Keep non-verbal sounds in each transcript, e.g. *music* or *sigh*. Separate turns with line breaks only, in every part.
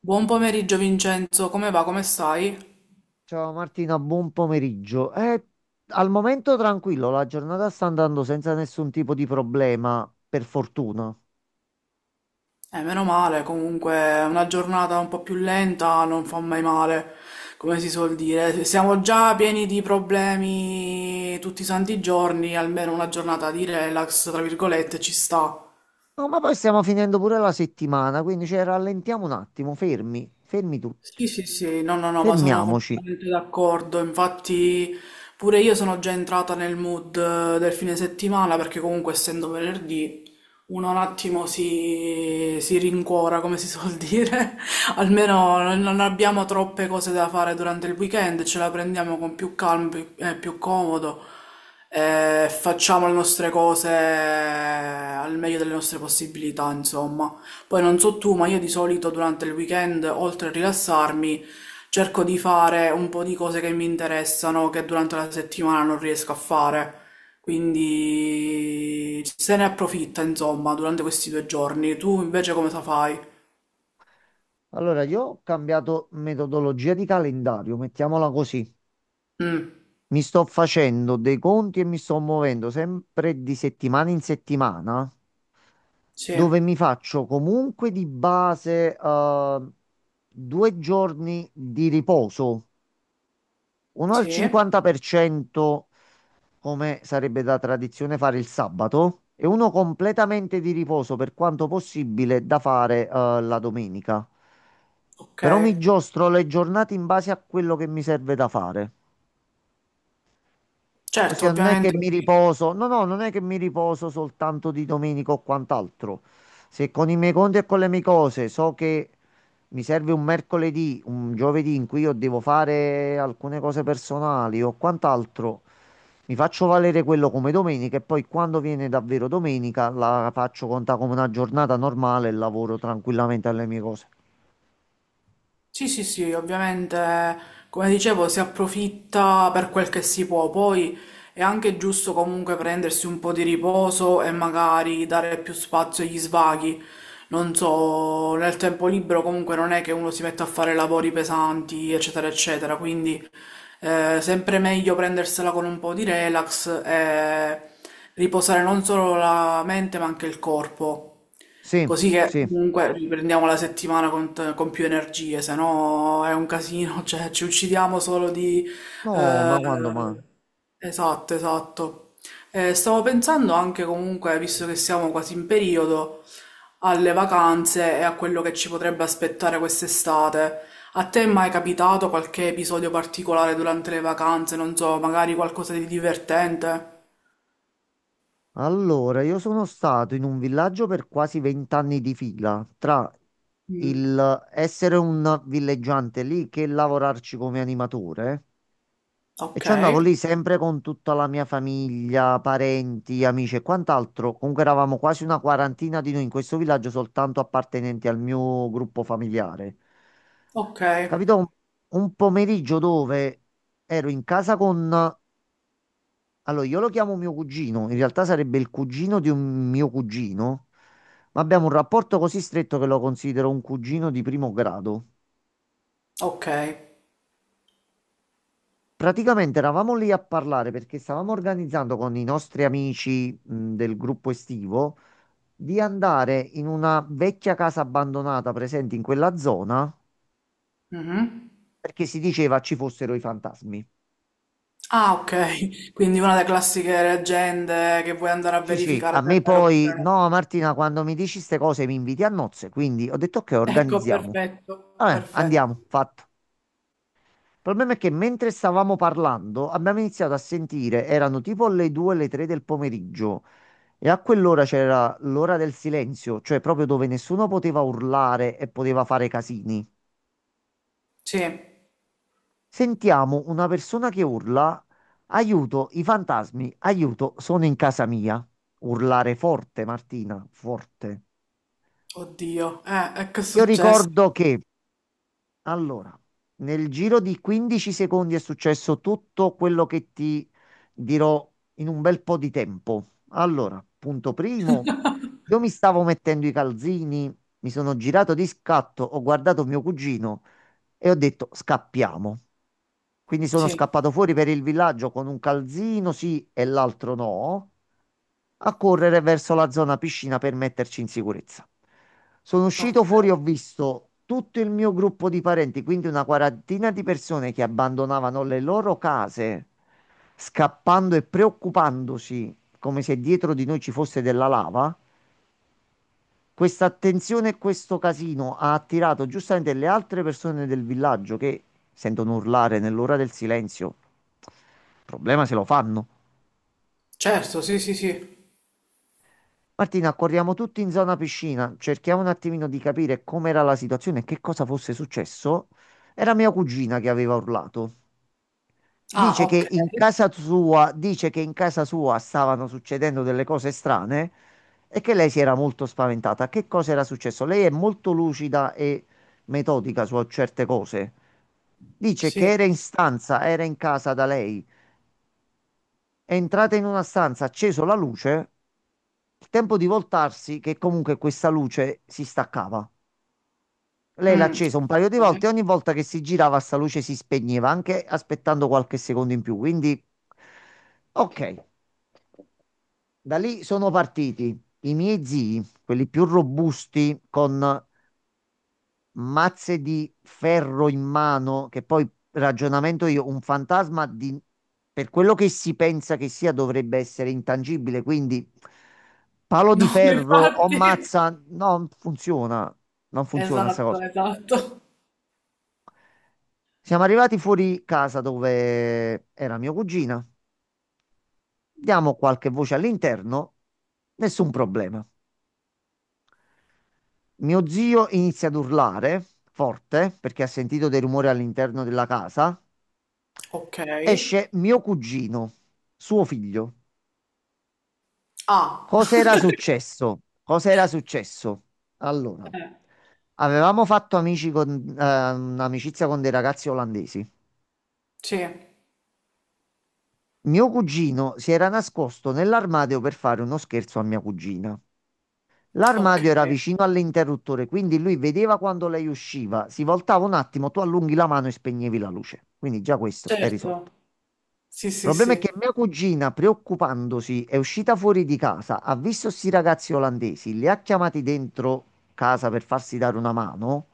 Buon pomeriggio Vincenzo, come va? Come stai?
Ciao Martina, buon pomeriggio. Al momento tranquillo, la giornata sta andando senza nessun tipo di problema, per fortuna.
Meno male, comunque una giornata un po' più lenta non fa mai male, come si suol dire. Siamo già pieni di problemi tutti i santi giorni, almeno una giornata di relax, tra virgolette, ci sta.
No, ma poi stiamo finendo pure la settimana, quindi cioè, rallentiamo un attimo, fermi, fermi tutti,
Sì, sì, sì, no, no, no, ma sono
fermiamoci.
completamente d'accordo. Infatti, pure io sono già entrata nel mood del fine settimana perché, comunque, essendo venerdì, uno un attimo si rincuora, come si suol dire. *laughs* Almeno non abbiamo troppe cose da fare durante il weekend, ce la prendiamo con più calma e più comodo. Facciamo le nostre cose al meglio delle nostre possibilità, insomma. Poi non so tu, ma io di solito durante il weekend, oltre a rilassarmi, cerco di fare un po' di cose che mi interessano, che durante la settimana non riesco a fare. Quindi se ne approfitta, insomma, durante questi 2 giorni. Tu invece come cosa fai?
Allora, io ho cambiato metodologia di calendario, mettiamola così.
Mm,
Mi sto facendo dei conti e mi sto muovendo sempre di settimana in settimana.
sì,
Dove mi faccio comunque di base due giorni di riposo, uno al
sì,
50% come sarebbe da tradizione fare il sabato e uno completamente di riposo per quanto possibile da fare la domenica.
ok.
Però mi giostro le giornate in base a quello che mi serve da fare.
Certo,
Ossia, non è che
ovviamente.
mi riposo, no, no, non è che mi riposo soltanto di domenica o quant'altro. Se con i miei conti e con le mie cose so che mi serve un mercoledì, un giovedì in cui io devo fare alcune cose personali o quant'altro, mi faccio valere quello come domenica e poi quando viene davvero domenica la faccio conta come una giornata normale e lavoro tranquillamente alle mie cose.
Sì, sì, sì, ovviamente, come dicevo, si approfitta per quel che si può, poi è anche giusto comunque prendersi un po' di riposo e magari dare più spazio agli svaghi. Non so, nel tempo libero comunque non è che uno si metta a fare lavori pesanti, eccetera, eccetera, quindi sempre meglio prendersela con un po' di relax e riposare non solo la mente ma anche il corpo.
Sì,
Così che
sì.
comunque riprendiamo la settimana con, con più energie, se no è un casino, *laughs* cioè ci uccidiamo solo di...
No,
eh,
ma quando, ma...
esatto, esatto. Stavo pensando anche comunque, visto che siamo quasi in periodo, alle vacanze e a quello che ci potrebbe aspettare quest'estate. A te è mai capitato qualche episodio particolare durante le vacanze? Non so, magari qualcosa di divertente?
Allora, io sono stato in un villaggio per quasi 20 anni di fila, tra il essere un villeggiante lì che lavorarci come animatore. E
Ok,
ci andavo lì sempre con tutta la mia famiglia, parenti, amici e quant'altro. Comunque eravamo quasi una quarantina di noi in questo villaggio, soltanto appartenenti al mio gruppo familiare.
ok,
Capito? Un pomeriggio dove ero in casa con allora, io lo chiamo mio cugino, in realtà sarebbe il cugino di un mio cugino, ma abbiamo un rapporto così stretto che lo considero un cugino di primo grado.
ok.
Praticamente eravamo lì a parlare perché stavamo organizzando con i nostri amici, del gruppo estivo di andare in una vecchia casa abbandonata presente in quella zona
Mhm.
perché si diceva ci fossero i fantasmi.
Ah, ok, *laughs* quindi una delle classiche leggende che vuoi andare a
Sì, sì,
verificare
a
se è
me
vero
poi,
oppure no.
no, Martina, quando mi dici queste cose mi inviti a nozze, quindi ho detto ok,
Ecco,
organizziamo.
perfetto,
Vabbè,
perfetto.
andiamo, fatto. Il problema è che mentre stavamo parlando abbiamo iniziato a sentire, erano tipo le 2, le 3 del pomeriggio e a quell'ora c'era l'ora del silenzio, cioè proprio dove nessuno poteva urlare e poteva fare casini.
Sì,
Sentiamo una persona che urla, aiuto, i fantasmi, aiuto, sono in casa mia. Urlare forte, Martina, forte.
oddio, e che è
Io
successo?
ricordo che, allora, nel giro di 15 secondi è successo tutto quello che ti dirò in un bel po' di tempo. Allora, punto primo, io mi stavo mettendo i calzini, mi sono girato di scatto, ho guardato mio cugino e ho detto scappiamo. Quindi sono
Sì,
scappato fuori per il villaggio con un calzino sì e l'altro no, a correre verso la zona piscina per metterci in sicurezza. Sono uscito fuori, ho
ok.
visto tutto il mio gruppo di parenti, quindi una quarantina di persone che abbandonavano le loro case, scappando e preoccupandosi come se dietro di noi ci fosse della lava. Questa attenzione e questo casino ha attirato giustamente le altre persone del villaggio che sentono urlare nell'ora del silenzio. Il problema se lo fanno.
Certo, sì, sì, sì.
Martina, corriamo tutti in zona piscina, cerchiamo un attimino di capire com'era la situazione e che cosa fosse successo. Era mia cugina che aveva urlato.
Ah,
Dice che
ok,
in casa sua, dice che in casa sua stavano succedendo delle cose strane e che lei si era molto spaventata. Che cosa era successo? Lei è molto lucida e metodica su certe cose. Dice che
sì.
era in stanza, era in casa da lei, è entrata in una stanza, ha acceso la luce, il tempo di voltarsi che comunque questa luce si staccava. Lei l'ha
Mm.
accesa un paio di
Ok.
volte e ogni volta che si girava sta luce si spegneva, anche aspettando qualche secondo in più. Quindi, ok, da lì sono partiti i miei zii, quelli più robusti, con mazze di ferro in mano, che poi ragionamento io, un fantasma di, per quello che si pensa che sia dovrebbe essere intangibile, quindi palo di
No, *laughs*
ferro o
infatti.
mazza, non funziona, non funziona sta
Esatto,
cosa.
esatto.
Siamo arrivati fuori casa dove era mia cugina. Diamo qualche voce all'interno, nessun problema. Mio zio inizia ad urlare forte perché ha sentito dei rumori all'interno della casa.
Ok.
Esce mio cugino, suo figlio.
Ah,
Cos'era successo? Cos'era successo? Allora,
eh,
avevamo fatto amici con, un'amicizia con dei ragazzi olandesi.
sì,
Mio cugino si era nascosto nell'armadio per fare uno scherzo a mia cugina.
ok,
L'armadio era vicino all'interruttore, quindi lui vedeva quando lei usciva, si voltava un attimo, tu allunghi la mano e spegnevi la luce. Quindi già questo è risolto.
certo. Sì,
Il
sì,
problema è che
sì.
mia cugina, preoccupandosi, è uscita fuori di casa, ha visto sti ragazzi olandesi, li ha chiamati dentro casa per farsi dare una mano.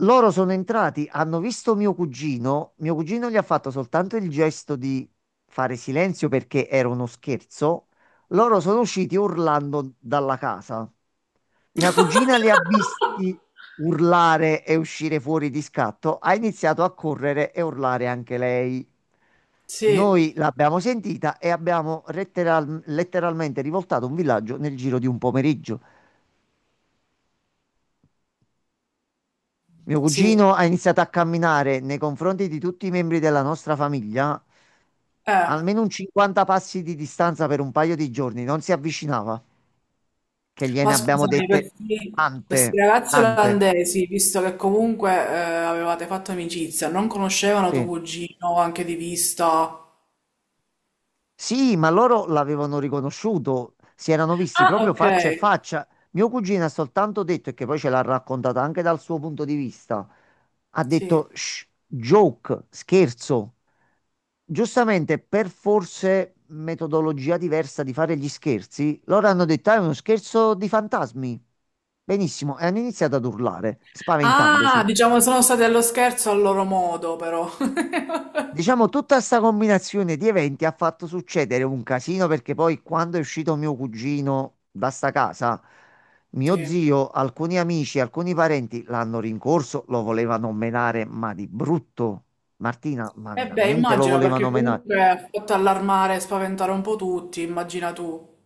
Loro sono entrati, hanno visto mio cugino gli ha fatto soltanto il gesto di fare silenzio perché era uno scherzo. Loro sono usciti urlando dalla casa. Mia cugina li ha visti urlare e uscire fuori di scatto, ha iniziato a correre e urlare anche lei.
Sì,
Noi l'abbiamo sentita e abbiamo letteralmente rivoltato un villaggio nel giro di un pomeriggio. Mio
sì,
cugino ha iniziato a camminare nei confronti di tutti i membri della nostra famiglia,
eh.
almeno un 50 passi di distanza per un paio di giorni, non si avvicinava, che gliene
Ma
abbiamo
scusami,
dette
questi
tante,
ragazzi
tante.
olandesi, visto che comunque avevate fatto amicizia, non conoscevano tuo
Sì.
cugino anche di vista?
Sì, ma loro l'avevano riconosciuto, si erano visti
Ah,
proprio
ok,
faccia a faccia. Mio cugino ha soltanto detto, e che poi ce l'ha raccontata anche dal suo punto di vista, ha
sì.
detto "Shh, joke, scherzo. Giustamente, per forse metodologia diversa di fare gli scherzi, loro hanno detto: "Ah, è uno scherzo di fantasmi. Benissimo, e hanno iniziato ad urlare,
Ah,
spaventandosi.
diciamo sono stati allo scherzo al loro modo, però. *laughs*
Diciamo, tutta questa combinazione di eventi ha fatto succedere un casino perché poi, quando è uscito mio cugino da sta casa, mio
Sì.
zio, alcuni amici, alcuni parenti l'hanno rincorso, lo volevano menare, ma di brutto. Martina, ma
E beh,
veramente lo
immagino,
volevano
perché
menare.
comunque ha fatto allarmare e spaventare un po' tutti, immagina tu.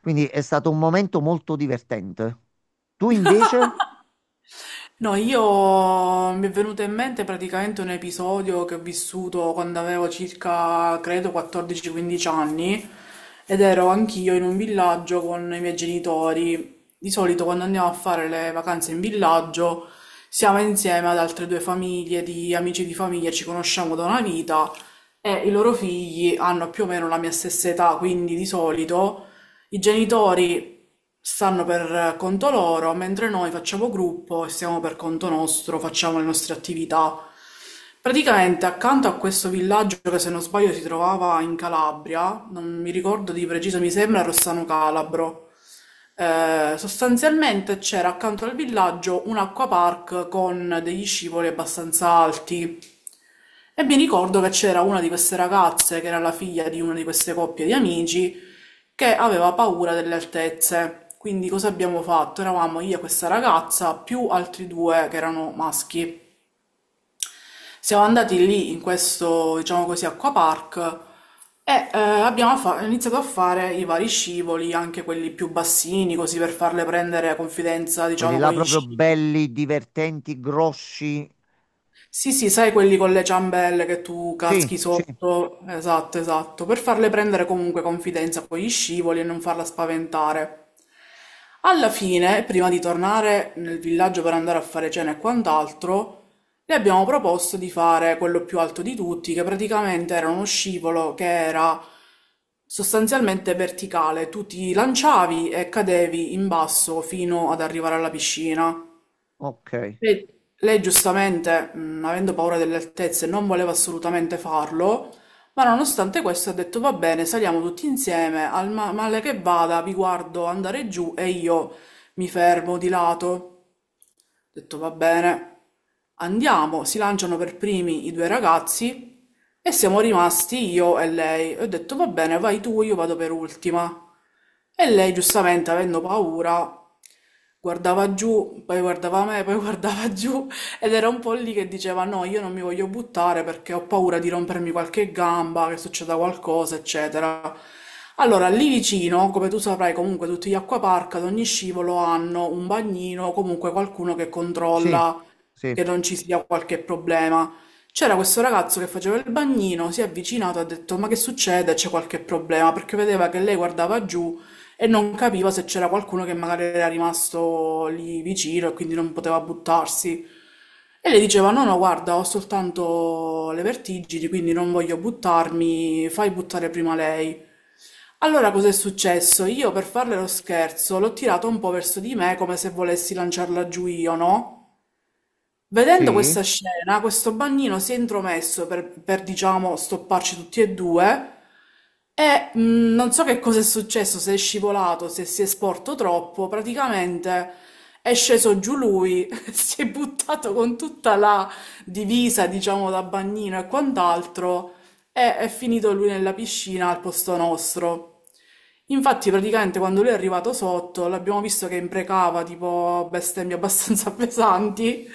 Quindi è stato un momento molto divertente. Tu invece,
*laughs* No, io mi è venuto in mente praticamente un episodio che ho vissuto quando avevo circa, credo, 14-15 anni ed ero anch'io in un villaggio con i miei genitori. Di solito quando andiamo a fare le vacanze in villaggio siamo insieme ad altre due famiglie di amici di famiglia, ci conosciamo da una vita e i loro figli hanno più o meno la mia stessa età, quindi di solito i genitori stanno per conto loro, mentre noi facciamo gruppo e stiamo per conto nostro, facciamo le nostre attività. Praticamente accanto a questo villaggio che se non sbaglio si trovava in Calabria, non mi ricordo di preciso, mi sembra Rossano Calabro, sostanzialmente c'era accanto al villaggio un acquapark con degli scivoli abbastanza alti. E mi ricordo che c'era una di queste ragazze che era la figlia di una di queste coppie di amici che aveva paura delle altezze. Quindi cosa abbiamo fatto? Eravamo io e questa ragazza più altri due che erano maschi. Siamo andati lì in questo, diciamo così, acquapark e abbiamo iniziato a fare i vari scivoli, anche quelli più bassini, così per farle prendere confidenza,
quelli
diciamo,
là
con gli
proprio
sci.
belli, divertenti, grossi.
Sì, sì, sai quelli con le ciambelle che tu
Sì,
caschi
sì,
sotto? Esatto, esatto, per farle prendere comunque confidenza con gli scivoli e non farla spaventare. Alla fine, prima di tornare nel villaggio per andare a fare cena e quant'altro, le abbiamo proposto di fare quello più alto di tutti, che praticamente era uno scivolo che era sostanzialmente verticale. Tu ti lanciavi e cadevi in basso fino ad arrivare alla piscina.
ok.
Lei, lei giustamente, avendo paura delle altezze, non voleva assolutamente farlo, ma nonostante questo ha detto va bene, saliamo tutti insieme, al male che vada, vi guardo andare giù e io mi fermo di lato. Ho detto va bene, andiamo, si lanciano per primi i due ragazzi e siamo rimasti io e lei. Ho detto va bene, vai tu, io vado per ultima. E lei, giustamente, avendo paura guardava giù, poi guardava me, poi *laughs* guardava giù ed era un po' lì che diceva no, io non mi voglio buttare perché ho paura di rompermi qualche gamba, che succeda qualcosa, eccetera. Allora, lì vicino, come tu saprai, comunque tutti gli acquapark ad ogni scivolo hanno un bagnino, comunque qualcuno che
Sì,
controlla
sì,
che non ci sia qualche problema. C'era questo ragazzo che faceva il bagnino, si è avvicinato, ha detto: ma che succede? C'è qualche problema? Perché vedeva che lei guardava giù e non capiva se c'era qualcuno che magari era rimasto lì vicino e quindi non poteva buttarsi. E le diceva: no, no, guarda, ho soltanto le vertigini, quindi non voglio buttarmi, fai buttare prima lei. Allora cos'è successo? Io per farle lo scherzo l'ho tirato un po' verso di me come se volessi lanciarla giù io, no? Vedendo
sì.
questa scena, questo bagnino si è intromesso per diciamo, stopparci tutti e due e non so che cosa è successo, se è scivolato, se si è sporto troppo, praticamente è sceso giù lui, *laughs* si è buttato con tutta la divisa, diciamo, da bagnino e quant'altro e è finito lui nella piscina al posto nostro. Infatti, praticamente quando lui è arrivato sotto, l'abbiamo visto che imprecava tipo bestemmie abbastanza *laughs* pesanti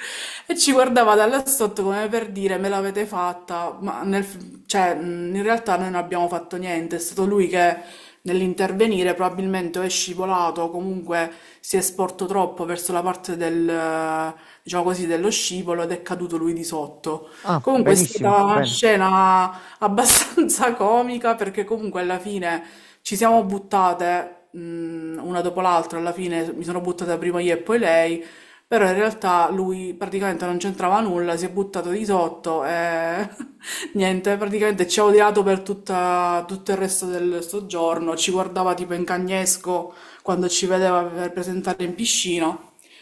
e ci guardava da là sotto come per dire me l'avete fatta, ma cioè, in realtà noi non abbiamo fatto niente, è stato lui che nell'intervenire probabilmente o è scivolato o comunque si è sporto troppo verso la parte del, diciamo così, dello scivolo ed è caduto lui di sotto.
Ah,
Comunque è
benissimo,
stata una
bene.
scena abbastanza *laughs* comica perché comunque alla fine ci siamo buttate una dopo l'altra, alla fine mi sono buttata prima io e poi lei, però in realtà lui praticamente non c'entrava nulla, si è buttato di sotto e *laughs* niente, praticamente ci ha odiato per tutto il resto del soggiorno, ci guardava tipo in cagnesco quando ci vedeva per presentare in piscina,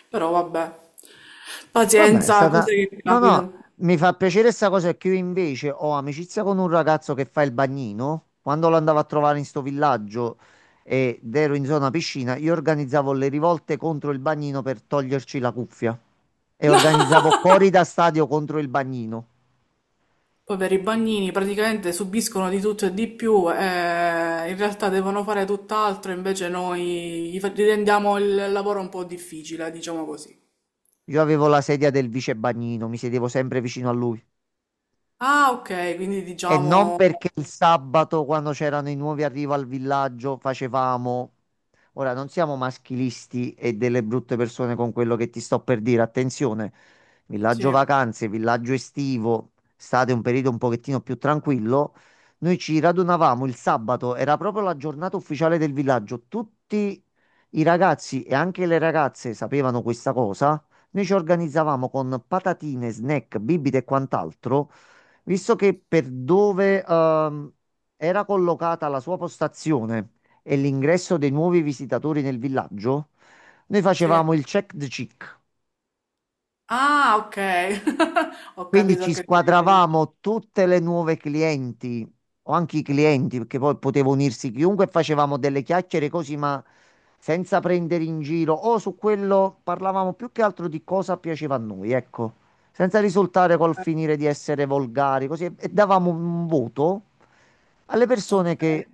però vabbè,
Vabbè, è
pazienza,
stata...
cose che
No, no,
capitano.
mi fa piacere sta cosa che io invece ho amicizia con un ragazzo che fa il bagnino. Quando lo andavo a trovare in sto villaggio ed ero in zona piscina, io organizzavo le rivolte contro il bagnino per toglierci la cuffia.
*laughs*
E organizzavo
No!
cori da stadio contro il bagnino.
Poveri bagnini, praticamente subiscono di tutto e di più, in realtà devono fare tutt'altro, invece noi gli rendiamo il lavoro un po' difficile, diciamo così.
Io avevo la sedia del vice bagnino, mi sedevo sempre vicino a lui.
Ah, ok, quindi
E non
diciamo...
perché il sabato, quando c'erano i nuovi arrivo al villaggio, facevamo. Ora, non siamo maschilisti e delle brutte persone con quello che ti sto per dire. Attenzione,
Sì,
villaggio vacanze, villaggio estivo, state un periodo un pochettino più tranquillo. Noi ci radunavamo il sabato, era proprio la giornata ufficiale del villaggio. Tutti i ragazzi e anche le ragazze sapevano questa cosa. Noi ci organizzavamo con patatine, snack, bibite e quant'altro. Visto che per dove era collocata la sua postazione e l'ingresso dei nuovi visitatori nel villaggio, noi
sì.
facevamo il check the check.
Ah, ok. *laughs* Ho
Quindi
capito a
ci
che ti riferisci.
squadravamo tutte le nuove clienti o anche i clienti, perché poi poteva unirsi chiunque, e facevamo delle chiacchiere così, ma senza prendere in giro o su quello parlavamo più che altro di cosa piaceva a noi, ecco, senza risultare col
Eh,
finire di essere volgari, così e davamo un voto alle persone
Ok.
che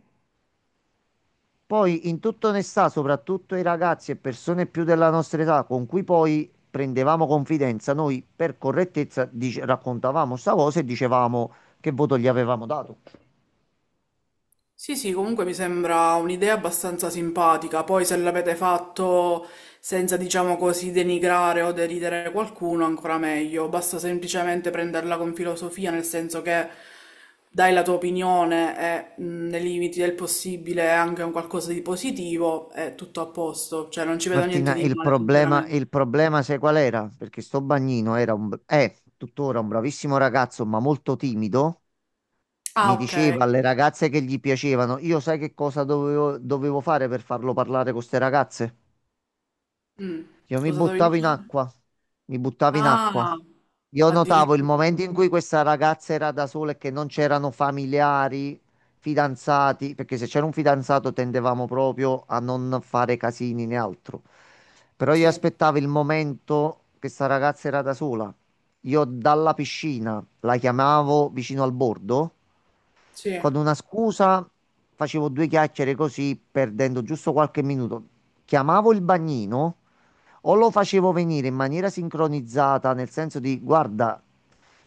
poi in tutta onestà, soprattutto i ragazzi e persone più della nostra età con cui poi prendevamo confidenza, noi per correttezza raccontavamo sta cosa e dicevamo che voto gli avevamo dato.
Sì, sì, comunque mi sembra un'idea abbastanza simpatica. Poi se l'avete fatto senza, diciamo così, denigrare o deridere qualcuno, ancora meglio. Basta semplicemente prenderla con filosofia, nel senso che dai la tua opinione e nei limiti del possibile è anche un qualcosa di positivo, è tutto a posto. Cioè, non ci vedo niente
Martina,
di male,
il
sinceramente.
problema sai qual era? Perché sto bagnino era un, è tuttora un bravissimo ragazzo, ma molto timido.
Ah,
Mi
ok.
diceva alle ragazze che gli piacevano, io sai che cosa dovevo, dovevo fare per farlo parlare con queste ragazze?
Mm.
Io mi
Cosa dovevi
buttavo
dire?
in acqua, mi buttavo in acqua.
Ah,
Io notavo il
addirittura.
momento in cui questa ragazza era da sola e che non c'erano familiari, fidanzati, perché se c'era un fidanzato tendevamo proprio a non fare casini né altro. Però io
Sì,
aspettavo il momento che sta ragazza era da sola. Io dalla piscina la chiamavo vicino al bordo,
sì,
con una scusa facevo due chiacchiere così, perdendo giusto qualche minuto. Chiamavo il bagnino o lo facevo venire in maniera sincronizzata, nel senso di guarda,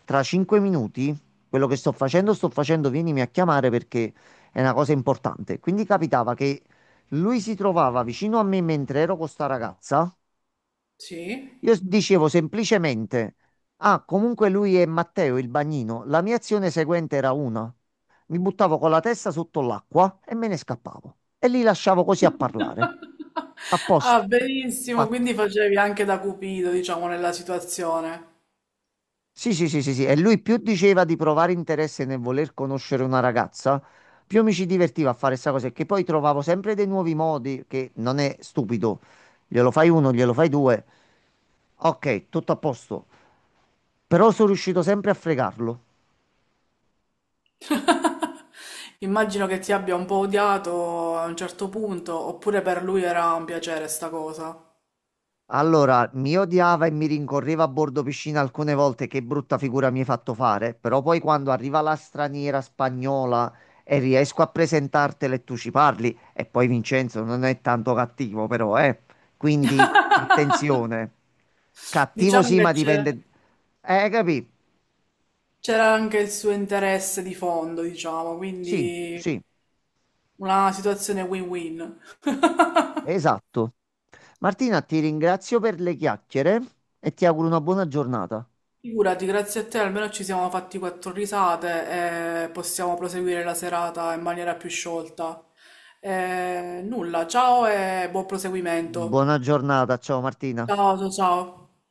tra 5 minuti quello che sto facendo, vienimi a chiamare perché è una cosa importante. Quindi capitava che lui si trovava vicino a me mentre ero con sta ragazza.
sì.
Io dicevo semplicemente, ah, comunque lui è Matteo, il bagnino. La mia azione seguente era una. Mi buttavo con la testa sotto l'acqua e me ne scappavo. E li lasciavo così a parlare.
*laughs*
A
Ah,
posto.
benissimo,
Fatto.
quindi facevi anche da cupido, diciamo, nella situazione.
Sì, sì, sì, sì, sì. E lui più diceva di provare interesse nel voler conoscere una ragazza, più mi ci divertiva a fare questa cosa, e che poi trovavo sempre dei nuovi modi, che non è stupido. Glielo fai uno, glielo fai due, ok, tutto a posto. Però sono riuscito sempre a fregarlo.
*laughs* Immagino che ti abbia un po' odiato a un certo punto, oppure per lui era un piacere sta cosa.
Allora, mi odiava e mi rincorreva a bordo piscina alcune volte, che brutta figura mi hai fatto fare, però poi quando arriva la straniera spagnola e riesco a presentartela e tu ci parli, e poi Vincenzo non è tanto cattivo però, eh. Quindi
*laughs*
attenzione, cattivo
Diciamo
sì,
che
ma
c'era
dipende... capì?
anche il suo interesse di fondo, diciamo,
Sì,
quindi
sì,
una situazione win-win.
esatto. Martina, ti ringrazio per le chiacchiere e ti auguro una buona giornata.
Figurati, grazie a te almeno ci siamo fatti quattro risate e possiamo proseguire la serata in maniera più sciolta. Nulla, ciao e buon proseguimento.
Buona giornata, ciao Martina.
Ciao, ciao, ciao.